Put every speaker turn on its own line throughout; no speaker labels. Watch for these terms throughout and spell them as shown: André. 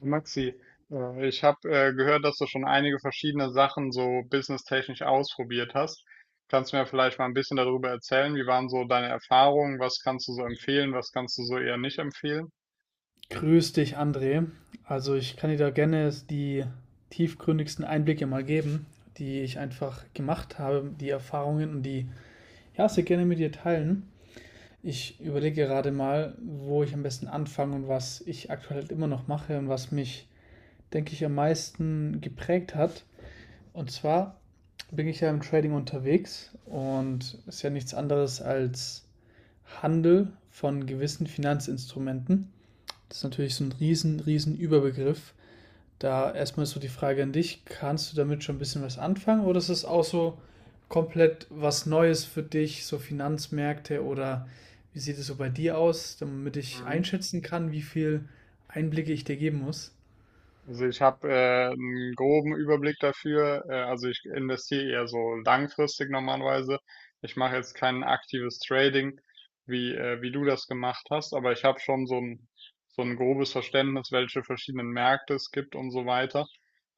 Maxi, ich habe gehört, dass du schon einige verschiedene Sachen so businesstechnisch ausprobiert hast. Kannst du mir vielleicht mal ein bisschen darüber erzählen? Wie waren so deine Erfahrungen? Was kannst du so empfehlen? Was kannst du so eher nicht empfehlen?
Grüß dich, André. Also ich kann dir da gerne die tiefgründigsten Einblicke mal geben, die ich einfach gemacht habe, die Erfahrungen und die, ja, sehr gerne mit dir teilen. Ich überlege gerade mal, wo ich am besten anfange und was ich aktuell halt immer noch mache und was mich, denke ich, am meisten geprägt hat. Und zwar bin ich ja im Trading unterwegs und ist ja nichts anderes als Handel von gewissen Finanzinstrumenten. Das ist natürlich so ein riesen, riesen Überbegriff. Da erstmal so die Frage an dich, kannst du damit schon ein bisschen was anfangen oder ist es auch so komplett was Neues für dich, so Finanzmärkte oder wie sieht es so bei dir aus, damit ich
Mhm.
einschätzen kann, wie viel Einblicke ich dir geben muss?
Also ich habe einen groben Überblick dafür. Also ich investiere eher so langfristig normalerweise. Ich mache jetzt kein aktives Trading, wie du das gemacht hast, aber ich habe schon so ein grobes Verständnis, welche verschiedenen Märkte es gibt und so weiter.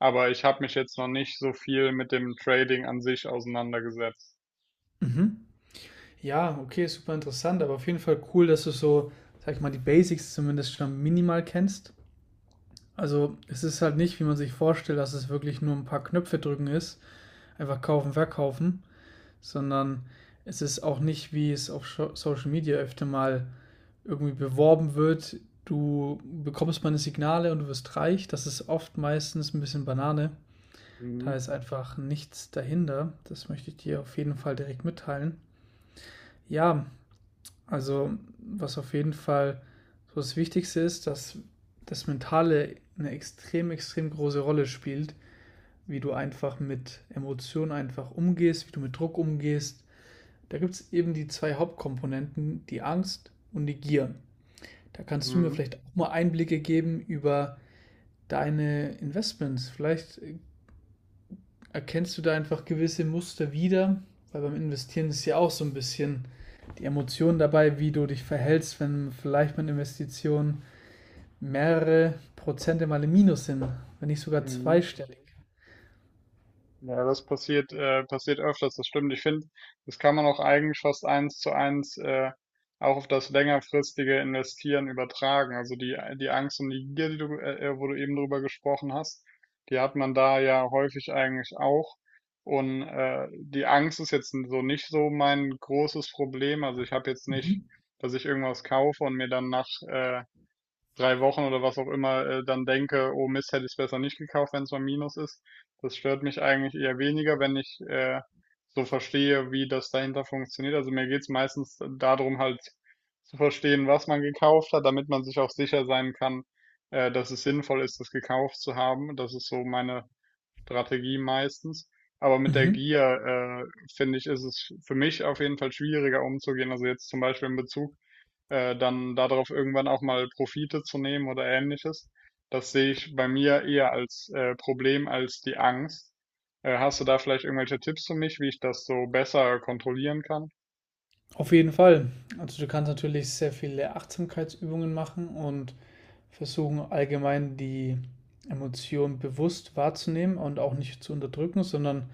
Aber ich habe mich jetzt noch nicht so viel mit dem Trading an sich auseinandergesetzt.
Mhm. Ja, okay, super interessant, aber auf jeden Fall cool, dass du so, sag ich mal, die Basics zumindest schon minimal kennst. Also es ist halt nicht, wie man sich vorstellt, dass es wirklich nur ein paar Knöpfe drücken ist, einfach kaufen, verkaufen, sondern es ist auch nicht, wie es auf Social Media öfter mal irgendwie beworben wird. Du bekommst meine Signale und du wirst reich. Das ist oft meistens ein bisschen Banane.
Mhm.
Da ist einfach nichts dahinter. Das möchte ich dir auf jeden Fall direkt mitteilen. Ja, also was auf jeden Fall so das Wichtigste ist, dass das Mentale eine extrem, extrem große Rolle spielt, wie du einfach mit Emotionen einfach umgehst, wie du mit Druck umgehst. Da gibt es eben die zwei Hauptkomponenten, die Angst und die Gier. Da kannst du mir
Mhm.
vielleicht auch mal Einblicke geben über deine Investments. Vielleicht erkennst du da einfach gewisse Muster wieder, weil beim Investieren ist ja auch so ein bisschen die Emotion dabei, wie du dich verhältst, wenn vielleicht meine Investition mehrere Prozente mal im Minus sind, wenn nicht sogar
Mhm.
zweistellig.
Ja, das passiert öfters, das stimmt. Ich finde, das kann man auch eigentlich fast eins zu eins auch auf das längerfristige Investieren übertragen. Also die Angst und die Gier, wo du eben drüber gesprochen hast, die hat man da ja häufig eigentlich auch. Und die Angst ist jetzt so nicht so mein großes Problem. Also ich habe jetzt
Mhm.
nicht, dass ich irgendwas kaufe und mir dann nach, 3 Wochen oder was auch immer, dann denke, oh Mist, hätte ich es besser nicht gekauft, wenn es mal Minus ist. Das stört mich eigentlich eher weniger, wenn ich so verstehe, wie das dahinter funktioniert. Also mir geht's meistens darum, halt zu verstehen, was man gekauft hat, damit man sich auch sicher sein kann, dass es sinnvoll ist, das gekauft zu haben. Das ist so meine Strategie meistens. Aber mit der
Mhm.
Gier, finde ich, ist es für mich auf jeden Fall schwieriger umzugehen. Also jetzt zum Beispiel in Bezug dann darauf irgendwann auch mal Profite zu nehmen oder ähnliches. Das sehe ich bei mir eher als Problem als die Angst. Hast du da vielleicht irgendwelche Tipps für mich, wie ich das so besser kontrollieren kann?
Auf jeden Fall. Also du kannst natürlich sehr viele Achtsamkeitsübungen machen und versuchen allgemein die Emotionen bewusst wahrzunehmen und auch nicht zu unterdrücken, sondern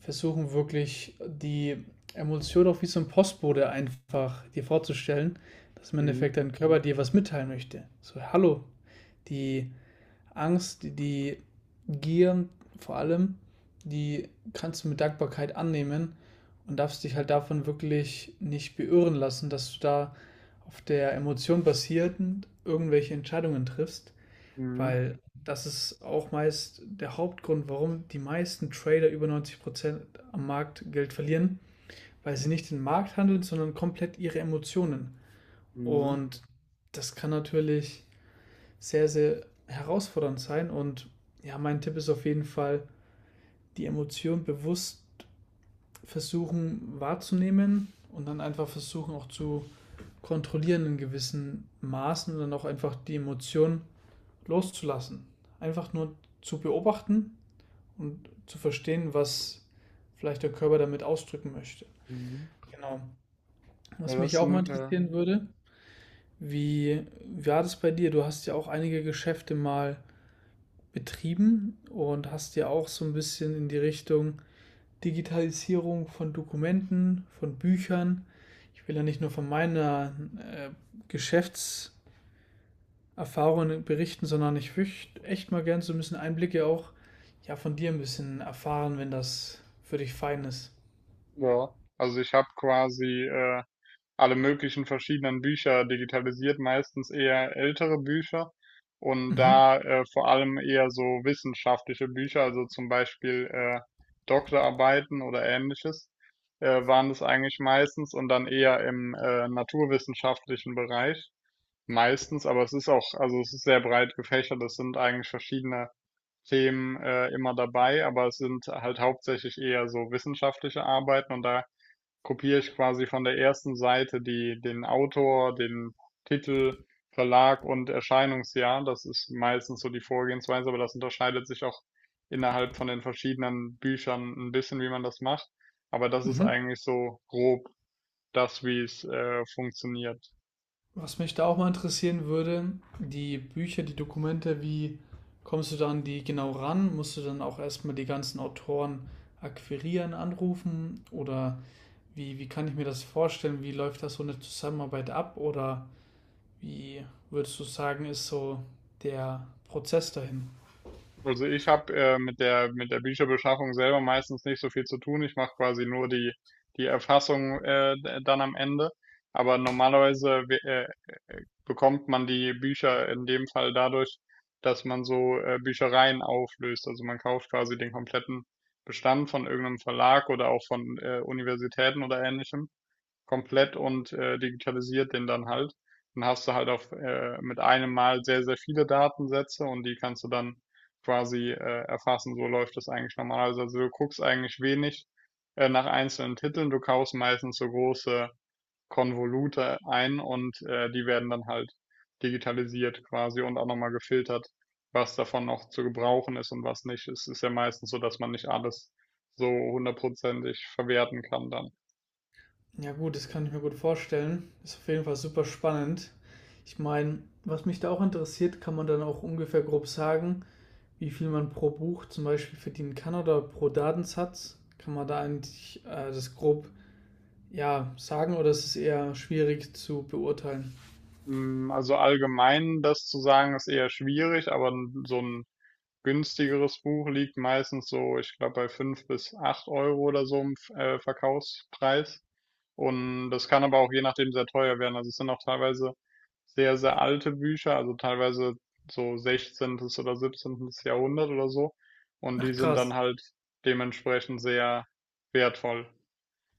versuchen wirklich die Emotion auch wie so ein Postbote einfach dir vorzustellen, dass im
Mhm.
Endeffekt dein Körper dir was mitteilen möchte. So, hallo, die Angst, die Gier vor allem, die kannst du mit Dankbarkeit annehmen und darfst dich halt davon wirklich nicht beirren lassen, dass du da auf der Emotion basierend irgendwelche Entscheidungen triffst.
Mhm.
Weil das ist auch meist der Hauptgrund, warum die meisten Trader über 90% am Markt Geld verlieren, weil sie nicht den Markt handeln, sondern komplett ihre Emotionen.
Mhm.
Und das kann natürlich sehr, sehr herausfordernd sein. Und ja, mein Tipp ist auf jeden Fall, die Emotion bewusst versuchen wahrzunehmen und dann einfach versuchen auch zu kontrollieren in gewissen Maßen und dann auch einfach die Emotion loszulassen. Einfach nur zu beobachten und zu verstehen, was vielleicht der Körper damit ausdrücken möchte.
Mhm.
Genau.
Ja,
Was mich auch mal interessieren würde, wie war das bei dir? Du hast ja auch einige Geschäfte mal betrieben und hast ja auch so ein bisschen in die Richtung Digitalisierung von Dokumenten, von Büchern. Ich will ja nicht nur von meiner Geschäftserfahrung berichten, sondern ich würde echt mal gern so ein bisschen Einblicke auch, ja, von dir ein bisschen erfahren, wenn das für dich fein ist.
ja. Also ich habe quasi alle möglichen verschiedenen Bücher digitalisiert, meistens eher ältere Bücher und
Mhm.
da vor allem eher so wissenschaftliche Bücher, also zum Beispiel Doktorarbeiten oder ähnliches, waren das eigentlich meistens und dann eher im naturwissenschaftlichen Bereich meistens, aber also es ist sehr breit gefächert, es sind eigentlich verschiedene Themen, immer dabei, aber es sind halt hauptsächlich eher so wissenschaftliche Arbeiten und da kopiere ich quasi von der ersten Seite die den Autor, den Titel, Verlag und Erscheinungsjahr. Das ist meistens so die Vorgehensweise, aber das unterscheidet sich auch innerhalb von den verschiedenen Büchern ein bisschen, wie man das macht. Aber das ist
Mhm.
eigentlich so grob das, wie's, funktioniert.
Was mich da auch mal interessieren würde, die Bücher, die Dokumente, wie kommst du dann die genau ran? Musst du dann auch erstmal die ganzen Autoren akquirieren, anrufen? Oder wie kann ich mir das vorstellen? Wie läuft das so eine Zusammenarbeit ab? Oder wie würdest du sagen, ist so der Prozess dahin?
Also ich habe mit der Bücherbeschaffung selber meistens nicht so viel zu tun. Ich mache quasi nur die Erfassung dann am Ende. Aber normalerweise bekommt man die Bücher in dem Fall dadurch, dass man so Büchereien auflöst. Also man kauft quasi den kompletten Bestand von irgendeinem Verlag oder auch von Universitäten oder ähnlichem komplett und digitalisiert den dann halt. Dann hast du halt auf mit einem Mal sehr, sehr viele Datensätze und die kannst du dann quasi erfassen. So läuft das eigentlich normalerweise. Also du guckst eigentlich wenig nach einzelnen Titeln, du kaufst meistens so große Konvolute ein und die werden dann halt digitalisiert quasi und auch nochmal gefiltert, was davon noch zu gebrauchen ist und was nicht. Es ist ja meistens so, dass man nicht alles so hundertprozentig verwerten kann dann.
Ja gut, das kann ich mir gut vorstellen. Ist auf jeden Fall super spannend. Ich meine, was mich da auch interessiert, kann man dann auch ungefähr grob sagen, wie viel man pro Buch zum Beispiel verdienen kann oder pro Datensatz? Kann man da eigentlich das grob, ja, sagen oder ist es eher schwierig zu beurteilen?
Also allgemein das zu sagen, ist eher schwierig, aber so ein günstigeres Buch liegt meistens so, ich glaube, bei 5 bis 8 Euro oder so im Verkaufspreis. Und das kann aber auch je nachdem sehr teuer werden. Also es sind auch teilweise sehr, sehr alte Bücher, also teilweise so 16. oder 17. Jahrhundert oder so. Und die
Ach
sind dann
krass.
halt dementsprechend sehr wertvoll.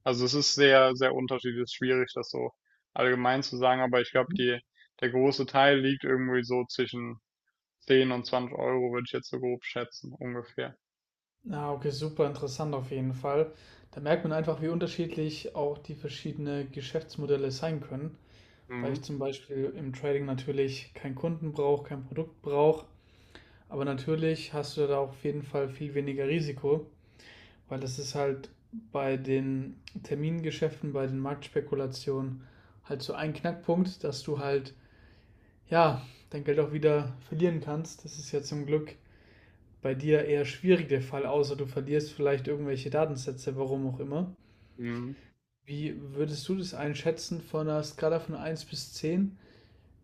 Also es ist sehr, sehr unterschiedlich, es ist schwierig, das so allgemein zu sagen, aber ich glaube,
Mhm.
der große Teil liegt irgendwie so zwischen 10 und 20 Euro, würde ich jetzt so grob schätzen, ungefähr.
Ah, okay, super interessant auf jeden Fall. Da merkt man einfach, wie unterschiedlich auch die verschiedenen Geschäftsmodelle sein können, weil
Mhm.
ich zum Beispiel im Trading natürlich keinen Kunden brauche, kein Produkt brauche, aber natürlich hast du da auf jeden Fall viel weniger Risiko. Weil es ist halt bei den Termingeschäften, bei den Marktspekulationen halt so ein Knackpunkt, dass du halt, ja, dein Geld auch wieder verlieren kannst. Das ist ja zum Glück bei dir eher schwierig der Fall, außer du verlierst vielleicht irgendwelche Datensätze, warum auch immer.
Mhm.
Wie würdest du das einschätzen von einer Skala von 1 bis 10?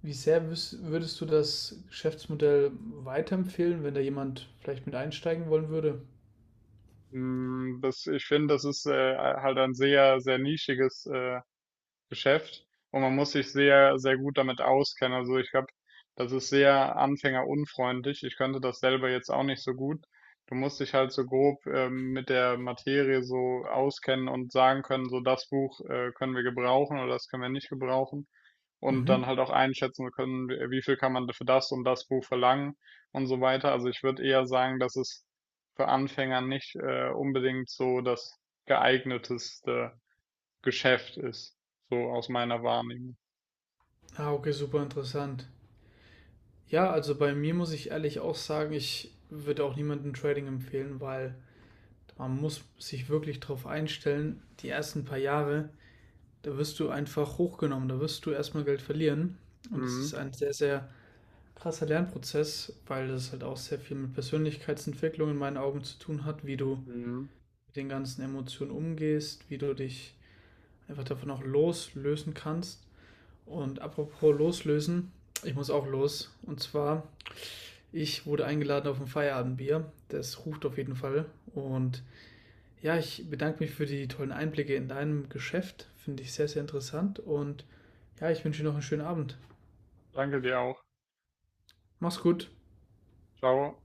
Wie sehr würdest du das Geschäftsmodell weiterempfehlen, wenn da jemand vielleicht mit einsteigen wollen würde?
Das, ich finde, das ist halt ein sehr, sehr nischiges Geschäft und man muss sich sehr, sehr gut damit auskennen. Also ich glaube, das ist sehr anfängerunfreundlich. Ich könnte das selber jetzt auch nicht so gut. Du musst dich halt so grob mit der Materie so auskennen und sagen können, so das Buch können wir gebrauchen oder das können wir nicht gebrauchen. Und dann
Mhm.
halt auch einschätzen können, wie viel kann man für das und das Buch verlangen und so weiter. Also ich würde eher sagen, dass es für Anfänger nicht unbedingt so das geeigneteste Geschäft ist, so aus meiner Wahrnehmung.
Ah, okay, super interessant. Ja, also bei mir muss ich ehrlich auch sagen, ich würde auch niemandem Trading empfehlen, weil man muss sich wirklich darauf einstellen, die ersten paar Jahre, da wirst du einfach hochgenommen, da wirst du erstmal Geld verlieren. Und es
Mhm.
ist ein sehr, sehr krasser Lernprozess, weil das halt auch sehr viel mit Persönlichkeitsentwicklung in meinen Augen zu tun hat, wie du
Mhm.
mit den ganzen Emotionen umgehst, wie du dich einfach davon auch loslösen kannst. Und apropos loslösen, ich muss auch los. Und zwar: ich wurde eingeladen auf ein Feierabendbier. Das ruft auf jeden Fall. Und ja, ich bedanke mich für die tollen Einblicke in deinem Geschäft. Finde ich sehr, sehr interessant. Und ja, ich wünsche dir noch einen schönen Abend.
Danke dir auch.
Mach's gut.
Ciao.